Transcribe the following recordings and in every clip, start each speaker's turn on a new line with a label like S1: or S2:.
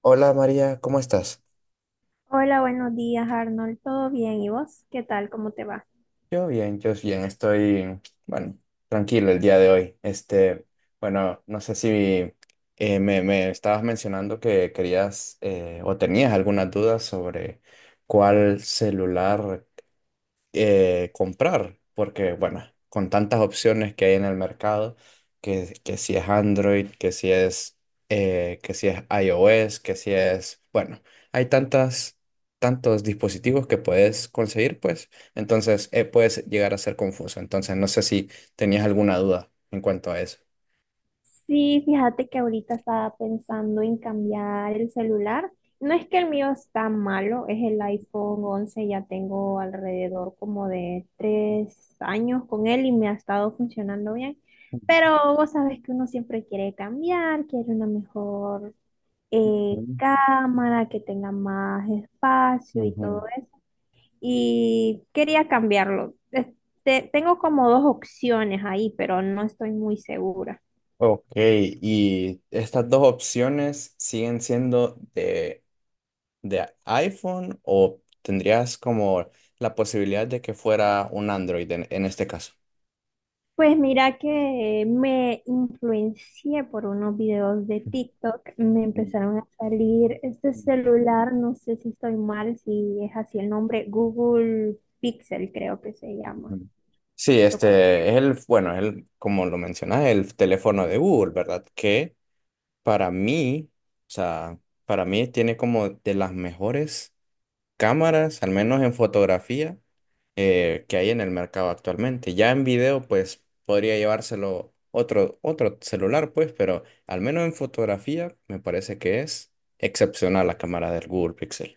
S1: Hola María, ¿cómo estás?
S2: Hola, buenos días, Arnold. ¿Todo bien? ¿Y vos? ¿Qué tal? ¿Cómo te va?
S1: Yo bien, estoy, bueno, tranquilo el día de hoy. Este, bueno, no sé si me estabas mencionando que querías o tenías algunas dudas sobre cuál celular comprar, porque bueno, con tantas opciones que hay en el mercado, que si es Android, que si es iOS, que si es, bueno, hay tantas, tantos dispositivos que puedes conseguir, pues, entonces puedes llegar a ser confuso. Entonces, no sé si tenías alguna duda en cuanto a eso.
S2: Sí, fíjate que ahorita estaba pensando en cambiar el celular. No es que el mío está malo, es el iPhone 11, ya tengo alrededor como de 3 años con él y me ha estado funcionando bien. Pero vos sabes que uno siempre quiere cambiar, quiere una mejor
S1: Ujú,
S2: cámara, que tenga más espacio y
S1: ujú.
S2: todo, y quería cambiarlo. Este, tengo como dos opciones ahí, pero no estoy muy segura.
S1: Ok, y estas dos opciones siguen siendo de iPhone o tendrías como la posibilidad de que fuera un Android en este caso?
S2: Pues mira que me influencié por unos videos de TikTok, me
S1: Ujú,
S2: empezaron a salir este celular, no sé si estoy mal, si es así el nombre, Google Pixel creo que se llama.
S1: ujú. Sí,
S2: Lo con-
S1: este es el, bueno, es el, como lo mencionas, el teléfono de Google, ¿verdad? Que para mí, o sea, para mí tiene como de las mejores cámaras, al menos en fotografía, que hay en el mercado actualmente. Ya en video, pues podría llevárselo otro celular, pues, pero al menos en fotografía me parece que es excepcional la cámara del Google Pixel.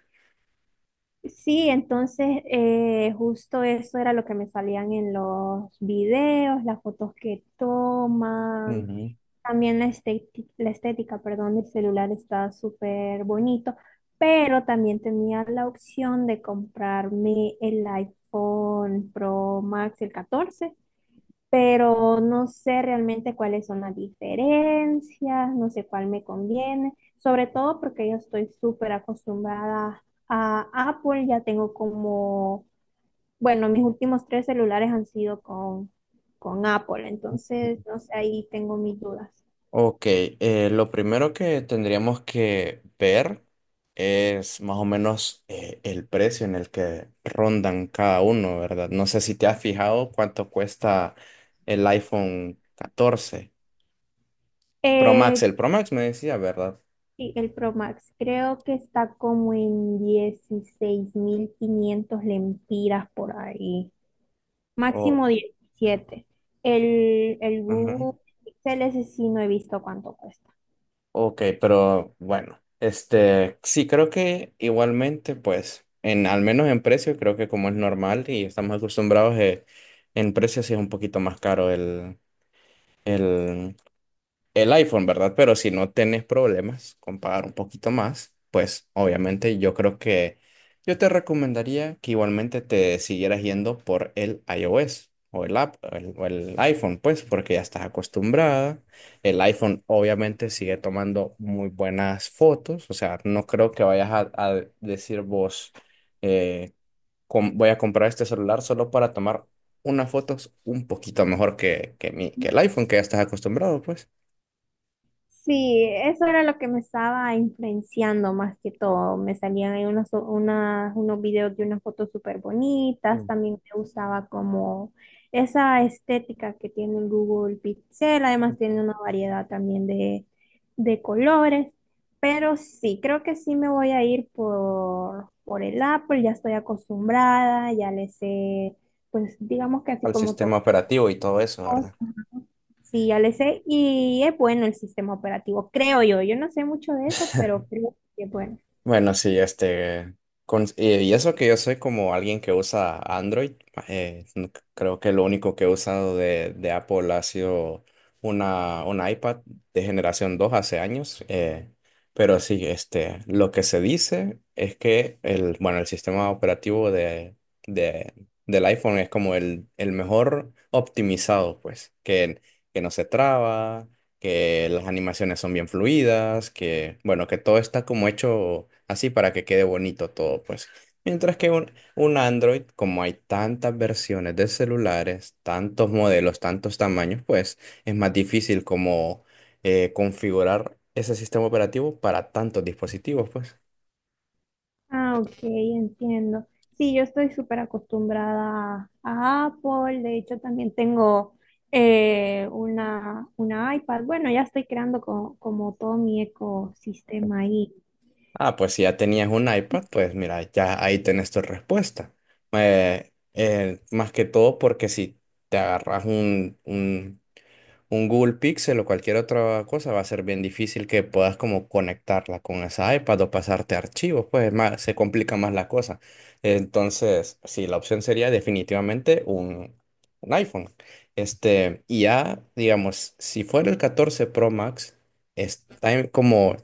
S2: Sí, entonces justo eso era lo que me salían en los videos, las fotos que toman.
S1: Ujú.
S2: También la estética, perdón, del celular está súper bonito, pero también tenía la opción de comprarme el iPhone Pro Max, el 14, pero no sé realmente cuáles son las diferencias, no sé cuál me conviene, sobre todo porque yo estoy súper acostumbrada a Apple, ya tengo como, bueno, mis últimos tres celulares han sido con Apple, entonces, no sé, ahí tengo mis dudas.
S1: Ok, lo primero que tendríamos que ver es más o menos el precio en el que rondan cada uno, ¿verdad? No sé si te has fijado cuánto cuesta el iPhone 14 Pro Max.
S2: Eh,
S1: El Pro Max me decía, ¿verdad?
S2: sí, el Pro Max creo que está como en 16,500 lempiras por ahí,
S1: O,
S2: máximo 17. El
S1: ujú.
S2: Google Pixel ese sí no he visto cuánto cuesta.
S1: Ok, pero bueno, este, sí, creo que igualmente, pues, en, al menos en precio, creo que como es normal y estamos acostumbrados, en precio sí es un poquito más caro el, el iPhone, ¿verdad? Pero si no tenés problemas con pagar un poquito más, pues obviamente yo creo que yo te recomendaría que igualmente te siguieras yendo por el iOS o el app o el iPhone, pues porque ya estás acostumbrada. El iPhone obviamente sigue tomando muy buenas fotos, o sea, no creo que vayas a decir vos, eh, voy a comprar este celular solo para tomar unas fotos un poquito mejor que el iPhone que ya estás acostumbrado, pues.
S2: Sí, eso era lo que me estaba influenciando más que todo. Me salían ahí unos videos de unas fotos súper bonitas. También me gustaba como esa estética que tiene el Google Pixel. Además tiene una variedad también de colores. Pero sí, creo que sí me voy a ir por el Apple. Ya estoy acostumbrada, ya le sé, pues digamos que así
S1: Al
S2: como
S1: sistema operativo y todo eso,
S2: todo.
S1: ¿verdad?
S2: Sí, ya le sé. Y es bueno el sistema operativo, creo yo. Yo no sé mucho de eso, pero creo que es bueno.
S1: Bueno, sí, este, y eso que yo soy como alguien que usa Android, creo que lo único que he usado de Apple ha sido una, un iPad de generación 2 hace años, pero sí, este, lo que se dice es que el, bueno, el sistema operativo de, de- del iPhone es como el mejor optimizado, pues, que no se traba, que las animaciones son bien fluidas, que, bueno, que todo está como hecho así para que quede bonito todo, pues. Mientras que un Android, como hay tantas versiones de celulares, tantos modelos, tantos tamaños, pues es más difícil como configurar ese sistema operativo para tantos dispositivos, pues.
S2: Ah, ok, entiendo. Sí, yo estoy súper acostumbrada a Apple. De hecho, también tengo una iPad. Bueno, ya estoy creando como todo mi ecosistema ahí.
S1: Ah, pues si ya tenías un iPad, pues mira, ya ahí tenés tu respuesta. Más que todo porque si te agarras un Google Pixel o cualquier otra cosa va a ser bien difícil que puedas como conectarla con esa iPad o pasarte archivos, pues es más, se complica más la cosa. Entonces, sí, la opción sería definitivamente un iPhone. Este, y ya, digamos, si fuera el 14 Pro Max, está como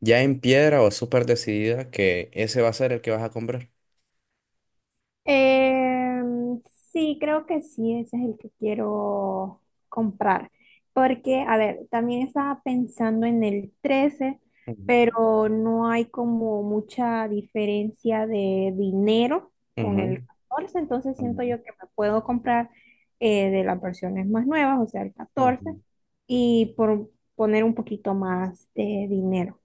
S1: ya en piedra o súper decidida que ese va a ser el que vas a comprar.
S2: Em, sí, creo que sí, ese es el que quiero comprar. Porque, a ver, también estaba pensando en el 13,
S1: Ujú,
S2: pero no hay como mucha diferencia de dinero con
S1: ujú,
S2: el 14, entonces siento yo que me puedo comprar de las versiones más nuevas, o sea, el
S1: ujú,
S2: 14,
S1: ujú.
S2: y por poner un poquito más de dinero.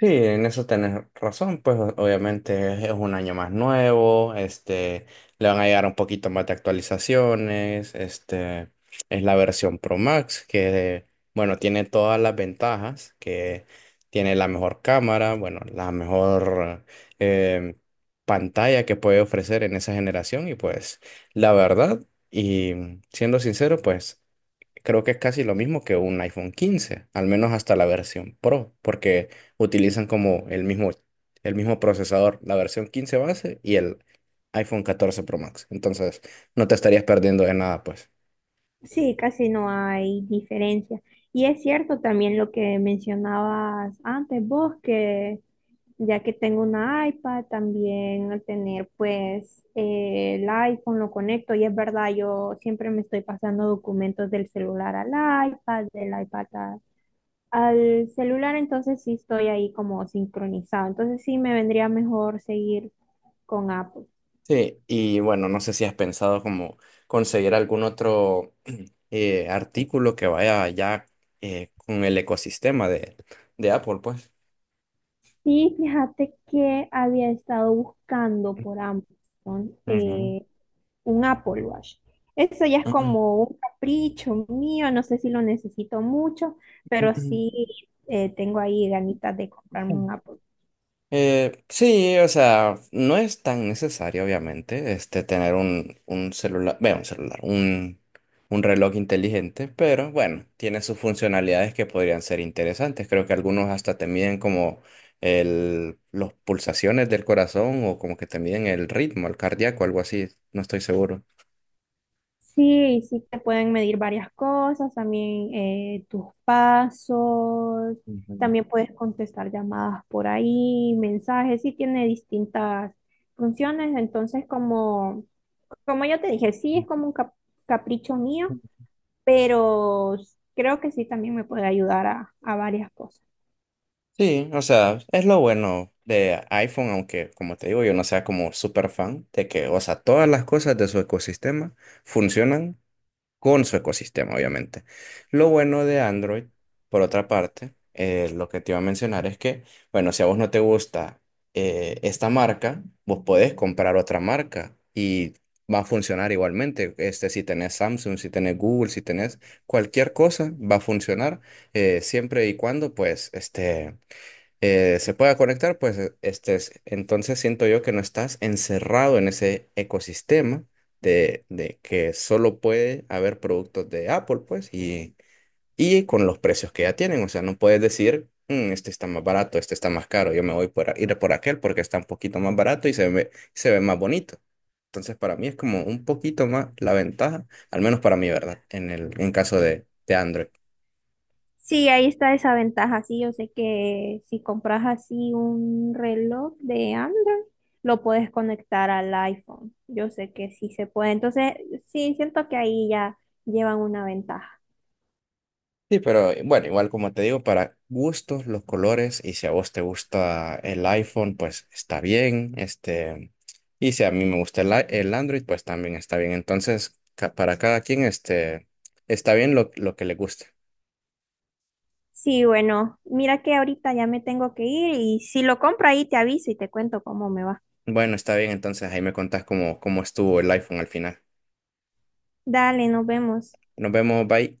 S1: Sí, en eso tenés razón, pues obviamente es un año más nuevo, este, le van a llegar un poquito más de actualizaciones, este, es la versión Pro Max que, bueno, tiene todas las ventajas, que tiene la mejor cámara, bueno, la mejor eh, pantalla que puede ofrecer en esa generación y pues la verdad, y siendo sincero, pues creo que es casi lo mismo que un iPhone 15, al menos hasta la versión Pro, porque utilizan como el mismo procesador, la versión 15 base y el iPhone 14 Pro Max. Entonces, no te estarías perdiendo de nada, pues.
S2: Sí, casi no hay diferencia. Y es cierto también lo que mencionabas antes vos, que ya que tengo una iPad, también al tener pues el iPhone lo conecto y es verdad, yo siempre me estoy pasando documentos del celular al iPad, del iPad al celular, entonces sí estoy ahí como sincronizado. Entonces sí me vendría mejor seguir con Apple.
S1: Sí, y bueno, no sé si has pensado como conseguir algún otro artículo que vaya ya con el ecosistema de Apple, pues.
S2: Sí, fíjate que había estado buscando por Amazon.
S1: Ujú.
S2: Un Apple Watch. Eso ya es como un capricho mío, no sé si lo necesito mucho, pero sí tengo ahí ganitas de comprarme un Apple.
S1: Sí, o sea, no es tan necesario, obviamente, este, tener un celular, bueno, un celular, un reloj inteligente, pero bueno, tiene sus funcionalidades que podrían ser interesantes. Creo que algunos hasta te miden como el, las pulsaciones del corazón o como que te miden el ritmo, el cardíaco, algo así, no estoy seguro.
S2: Sí, sí te pueden medir varias cosas, también tus pasos,
S1: Ujú.
S2: también puedes contestar llamadas por ahí, mensajes, sí tiene distintas funciones, entonces como ya te dije, sí es como un capricho mío, pero creo que sí también me puede ayudar a varias cosas.
S1: Sí, o sea, es lo bueno de iPhone, aunque como te digo, yo no sea como súper fan de que, o sea, todas las cosas de su ecosistema funcionan con su ecosistema, obviamente. Lo bueno de Android, por otra parte, lo que te iba a mencionar es que, bueno, si a vos no te gusta esta marca, vos podés comprar otra marca y va a funcionar igualmente. Este, si tenés Samsung, si tenés Google, si tenés cualquier cosa, va a funcionar siempre y cuando, pues, este se pueda conectar, pues estés. Entonces siento yo que no estás encerrado en ese ecosistema de que solo puede haber productos de Apple, pues, y con los precios que ya tienen. O sea, no puedes decir, "Mm, este está más barato, este está más caro, yo me voy por, ir por aquel porque está un poquito más barato y se ve más bonito. Entonces, para mí es como un poquito más la ventaja, al menos para mí, ¿verdad? En el, en caso de Android.
S2: Sí, ahí está esa ventaja. Sí, yo sé que si compras así un reloj de Android, lo puedes conectar al iPhone. Yo sé que sí se puede. Entonces, sí, siento que ahí ya llevan una ventaja.
S1: Sí, pero bueno, igual como te digo, para gustos, los colores, y si a vos te gusta el iPhone, pues está bien, este, y si a mí me gusta el, el Android, pues también está bien. Entonces, para cada quien, este, está bien lo que le guste.
S2: Sí, bueno, mira que ahorita ya me tengo que ir y si lo compro ahí te aviso y te cuento cómo me va.
S1: Bueno, está bien, entonces ahí me contás cómo, cómo estuvo el iPhone al final.
S2: Dale, nos vemos.
S1: Nos vemos, bye.